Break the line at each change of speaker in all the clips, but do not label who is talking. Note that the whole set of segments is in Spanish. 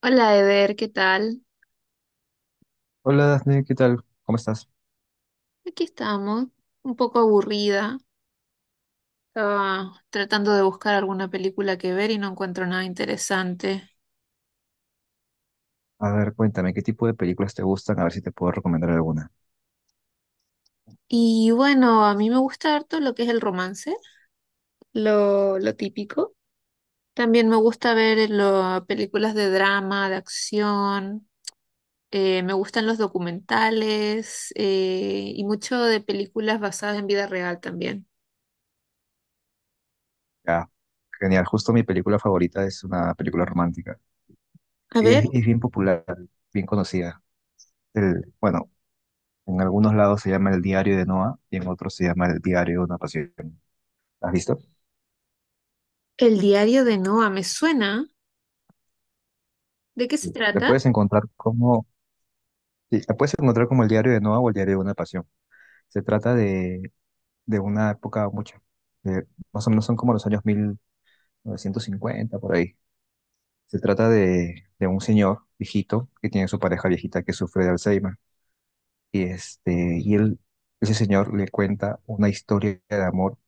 Hola Eder, ¿qué tal?
Hola Dafne, ¿qué tal? ¿Cómo estás?
Aquí estamos, un poco aburrida. Estaba tratando de buscar alguna película que ver y no encuentro nada interesante.
A ver, cuéntame, ¿qué tipo de películas te gustan? A ver si te puedo recomendar alguna.
Y bueno, a mí me gusta harto lo que es el romance, lo típico. También me gusta ver las películas de drama, de acción. Me gustan los documentales, y mucho de películas basadas en vida real también.
Ya, genial. Justo mi película favorita es una película romántica.
A
Y es,
ver,
es bien popular, bien conocida. Bueno, en algunos lados se llama El Diario de Noah y en otros se llama El Diario de una Pasión. ¿La ¿Has visto?
el diario de Noa, ¿me suena? ¿De qué se
Sí. Le
trata?
puedes encontrar como, sí, la puedes encontrar como El Diario de Noah o El Diario de una Pasión. Se trata de una época mucho, de- más o menos son como los años 1950 por ahí. Se trata de un señor viejito que tiene su pareja viejita que sufre de Alzheimer. Y, este, y él, ese señor le cuenta una historia de amor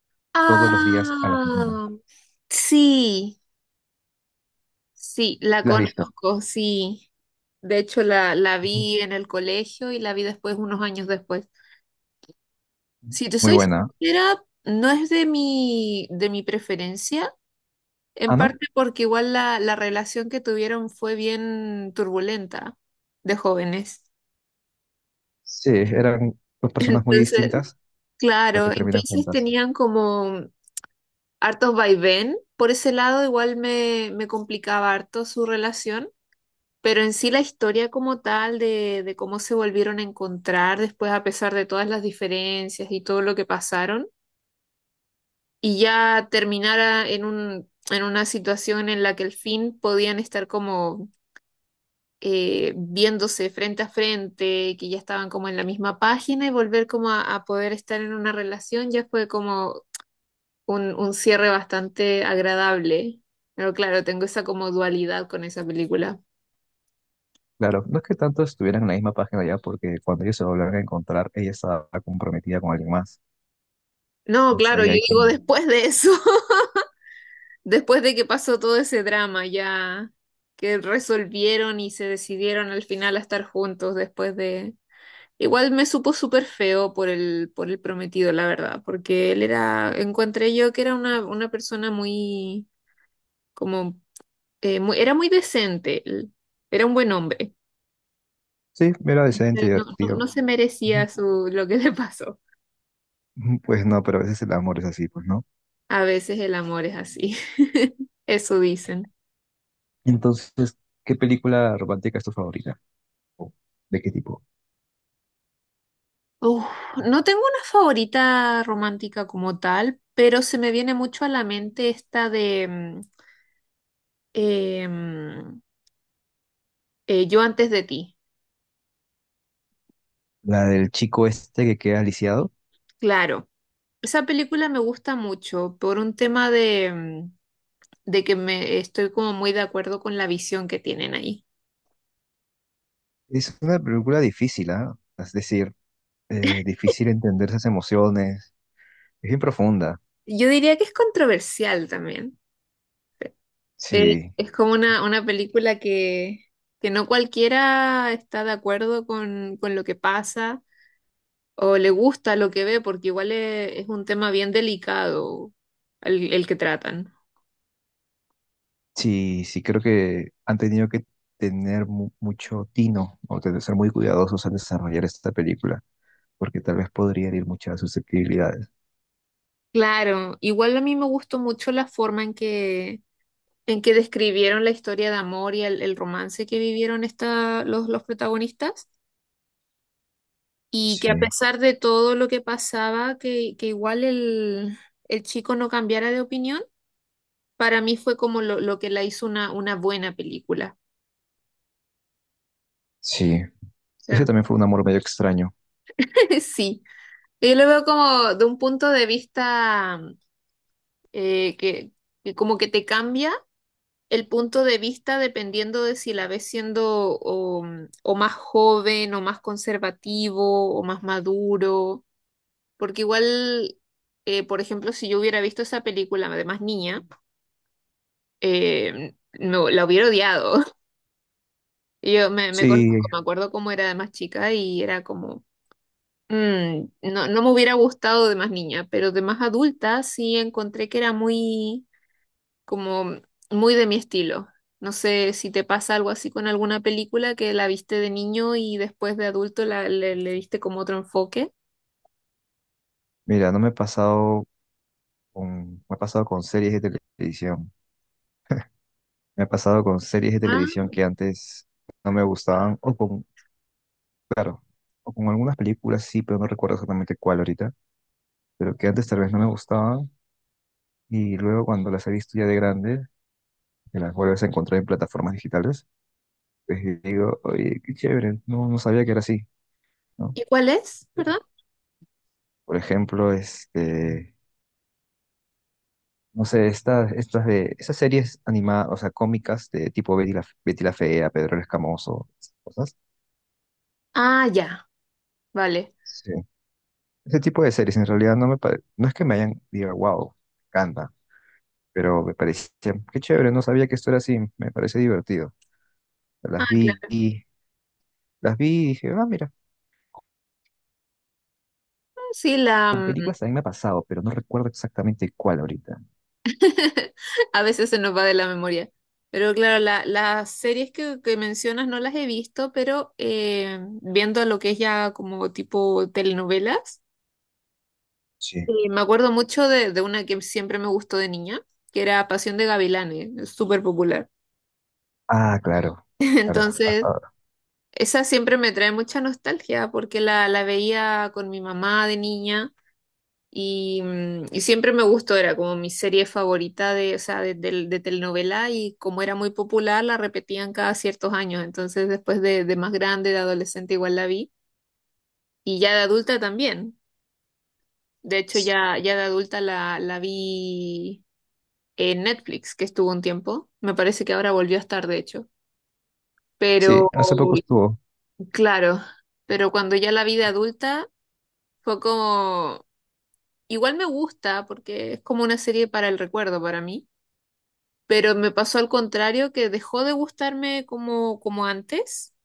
todos los días a la misma.
Ah, sí, sí, la
¿La has visto?
conozco, sí. De hecho, la
Ujú.
vi en el colegio y la vi después, unos años después. Si te
Muy
soy
buena.
sincera, no es de mi preferencia, en
Ah, ¿no?
parte porque igual la relación que tuvieron fue bien turbulenta de jóvenes.
Sí, eran dos personas muy
Entonces,
distintas, pero
claro,
que terminan
entonces
juntas.
tenían como hartos vaivén. Por ese lado, igual me complicaba harto su relación. Pero en sí la historia como tal de cómo se volvieron a encontrar después a pesar de todas las diferencias y todo lo que pasaron y ya terminara en una situación en la que al fin podían estar como viéndose frente a frente, que ya estaban como en la misma página y volver como a poder estar en una relación ya fue como un cierre bastante agradable. Pero claro, tengo esa como dualidad con esa película.
Claro, no es que tanto estuvieran en la misma página ya, porque cuando ellos se volvieron a encontrar, ella estaba comprometida con alguien más.
No,
Entonces
claro,
ahí
yo
hay
digo
como...
después de eso. Después de que pasó todo ese drama, ya que resolvieron y se decidieron al final a estar juntos después de... Igual me supo súper feo por el prometido, la verdad, porque él era, encontré yo que era una persona muy, como, era muy decente, él era un buen hombre.
Sí, era decente,
No, no, no
divertido.
se merecía
Ujú.
su, lo que le pasó.
Ujú, pues no, pero a veces el amor es así, pues, ¿no?
A veces el amor es así, eso dicen.
Entonces, ¿qué película romántica es tu favorita? ¿O ¿De qué tipo?
Uf, no tengo una favorita romántica como tal, pero se me viene mucho a la mente esta de eh, mm, Yo antes de ti.
La del chico este que queda lisiado.
Claro, esa película me gusta mucho por un tema de, de que me estoy como muy de acuerdo con la visión que tienen ahí.
Es una película difícil, ¿ah? Es decir, difícil entender esas emociones. Es bien profunda.
Yo diría que es controversial también.
Sí,
Es como una película que no cualquiera está de acuerdo con lo que pasa, o le gusta lo que ve, porque igual es, un tema bien delicado el que tratan.
sí, sí, creo que han tenido que tener mucho tino o tener, ser muy cuidadosos al desarrollar esta película, porque tal vez podría herir muchas susceptibilidades.
Claro, igual a mí me gustó mucho la forma en que describieron la historia de amor y el romance que vivieron esta, los protagonistas, y que a
Sí,
pesar de todo lo que pasaba, que igual el chico no cambiara de opinión, para mí fue como lo que la hizo una buena película.
sí.
O
Ese
sea,
también fue un amor medio extraño.
sí. Yo lo veo como de un punto de vista eh, que, que como que te cambia el punto de vista dependiendo de si la ves siendo o más joven o más conservativo o más maduro, porque igual, por ejemplo, si yo hubiera visto esa película de más niña, no, la hubiera odiado. Yo me conozco,
Sí,
me acuerdo cómo era de más chica y era como... mm, no, no me hubiera gustado de más niña, pero de más adulta sí encontré que era muy, como muy de mi estilo. No sé si te pasa algo así con alguna película que la viste de niño y después de adulto la, le diste como otro enfoque.
mira, no me he pasado con- me ha pasado con series de televisión. Me ha pasado con series de
Ah,
televisión que antes no me gustaban, o con, claro, o con algunas películas sí, pero no recuerdo exactamente cuál ahorita, pero que antes tal vez no me gustaban, y luego cuando las he visto ya de grande, que las vuelves a encontrar en plataformas digitales, pues digo, oye, qué chévere, no, no sabía que era así, ¿no?
¿y cuál es?
Pero,
¿Perdón?
por ejemplo, este, no sé, esas series animadas, o sea, cómicas de tipo Betty la Fea, Pedro el Escamoso, esas cosas.
Ah, ya, vale.
Ese tipo de series en realidad no es que me hayan diga, wow, canta, pero me parecía, qué chévere, no sabía que esto era así, me parece divertido.
Ah,
Las vi,
claro.
y- las vi y dije, ah, mira,
Sí, la
con
mm,
películas también me ha pasado, pero no recuerdo exactamente cuál ahorita.
a veces se nos va de la memoria. Pero claro, las series que mencionas no las he visto, pero viendo lo que es ya como tipo telenovelas.
Sí.
Y me acuerdo mucho de una que siempre me gustó de niña, que era Pasión de Gavilanes, es súper popular.
Ah, claro, claro,
Entonces,
hasta ahora.
esa siempre me trae mucha nostalgia porque la veía con mi mamá de niña y, y siempre me gustó, era como mi serie favorita de, o sea, de telenovela y como era muy popular, la repetían cada ciertos años. Entonces, después de más grande, de adolescente, igual la vi y ya de adulta también. De hecho,
S-
ya, ya de adulta la vi en Netflix, que estuvo un tiempo. Me parece que ahora volvió a estar, de hecho.
Sí,
Pero,
hace poco estuvo.
claro, pero cuando ya la vida adulta fue como, igual me gusta porque es como una serie para el recuerdo para mí, pero me pasó al contrario que dejó de gustarme como, como antes,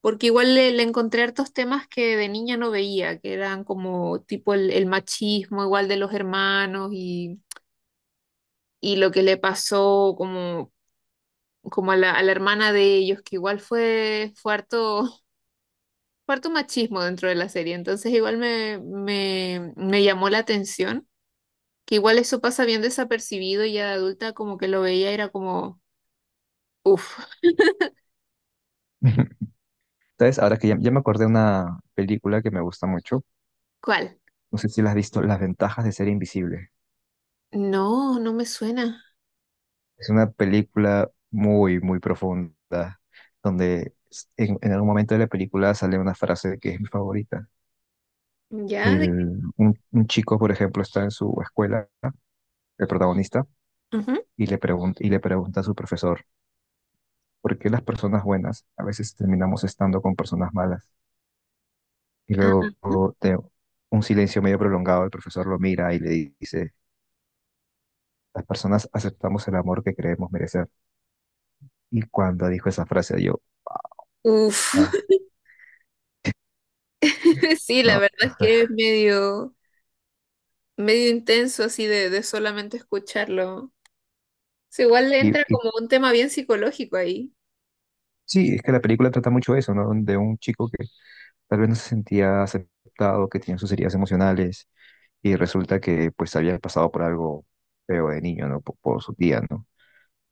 porque igual le encontré hartos temas que de niña no veía, que eran como tipo el machismo igual de los hermanos y lo que le pasó como como a la hermana de ellos, que igual fue, fue harto, fue harto machismo dentro de la serie, entonces igual me llamó la atención, que igual eso pasa bien desapercibido y ya de adulta como que lo veía y era como, uff,
¿Sabes? Ahora que ya me acordé de una película que me gusta mucho,
¿cuál?
no sé si la has visto, Las ventajas de ser invisible.
No, no me suena.
Es una película muy, muy profunda, donde en, algún momento de la película sale una frase que es mi favorita.
¿Ya? ¿De qué?
Un chico, por ejemplo, está en su escuela, el protagonista,
Ujú.
y y le pregunta a su profesor, ¿por qué las personas buenas a veces terminamos estando con personas malas? Y
Ah,
luego, de un silencio medio prolongado, el profesor lo mira y le dice, las personas aceptamos el amor que creemos merecer. Y cuando dijo esa frase, yo,
uf,
ah,
sí, la
no.
verdad es que es medio, medio intenso así de solamente escucharlo. Sí, igual le
Y,
entra
y
como un tema bien psicológico ahí.
sí, es que la película trata mucho eso, ¿no? De un chico que tal vez no se sentía aceptado, que tenía sus heridas emocionales y resulta que pues había pasado por algo feo de niño, ¿no? Por su tía, ¿no?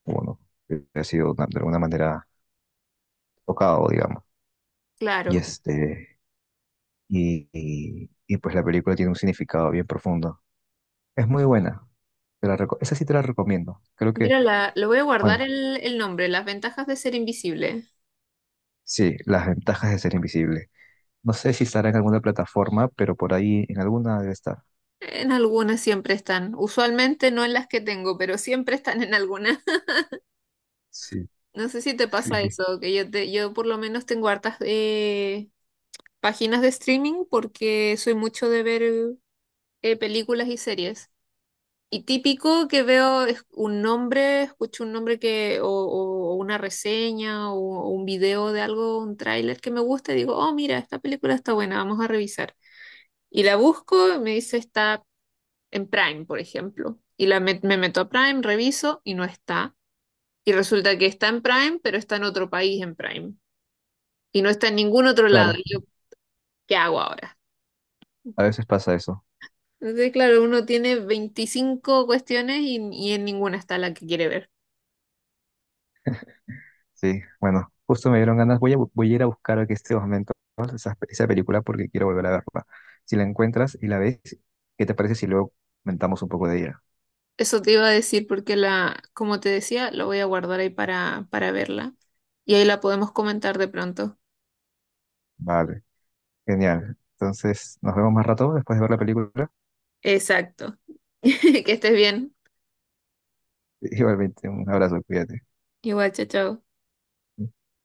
Bueno, que ha sido de alguna manera tocado, digamos. Y
Claro.
este, pues la película tiene un significado bien profundo. Es muy buena. Esa sí te la recomiendo. Creo que,
Mira, lo voy a guardar
bueno,
el nombre, Las Ventajas de Ser Invisible.
sí, las ventajas de ser invisible. No sé si estará en alguna plataforma, pero por ahí en alguna debe estar.
En algunas siempre están, usualmente no en las que tengo, pero siempre están en algunas.
Sí.
No sé si te
Sí,
pasa
sí,
eso, que yo, yo por lo menos tengo hartas páginas de streaming porque soy mucho de ver películas y series. Y típico que veo es un nombre, escucho un nombre que, o una reseña o un video de algo, un tráiler que me gusta y digo, oh, mira, esta película está buena, vamos a revisar. Y la busco, me dice está en Prime, por ejemplo. Y la me meto a Prime, reviso y no está. Y resulta que está en Prime, pero está en otro país en Prime. Y no está en ningún otro lado.
claro,
Y yo, ¿qué hago ahora?
a veces pasa eso.
Entonces, claro, uno tiene 25 cuestiones y en ninguna está la que quiere ver.
Sí, bueno, justo me dieron ganas. Voy a ir a buscar aquí este momento, ¿no? Esa película porque quiero volver a verla. Si la encuentras y la ves, ¿qué te parece si luego comentamos un poco de ella?
Eso te iba a decir porque la, como te decía, lo voy a guardar ahí para verla. Y ahí la podemos comentar de pronto.
Vale, genial. Entonces, nos vemos más rato después de ver la película.
Exacto. Que estés bien.
Igualmente, un abrazo, cuídate.
Igual, chao, chao.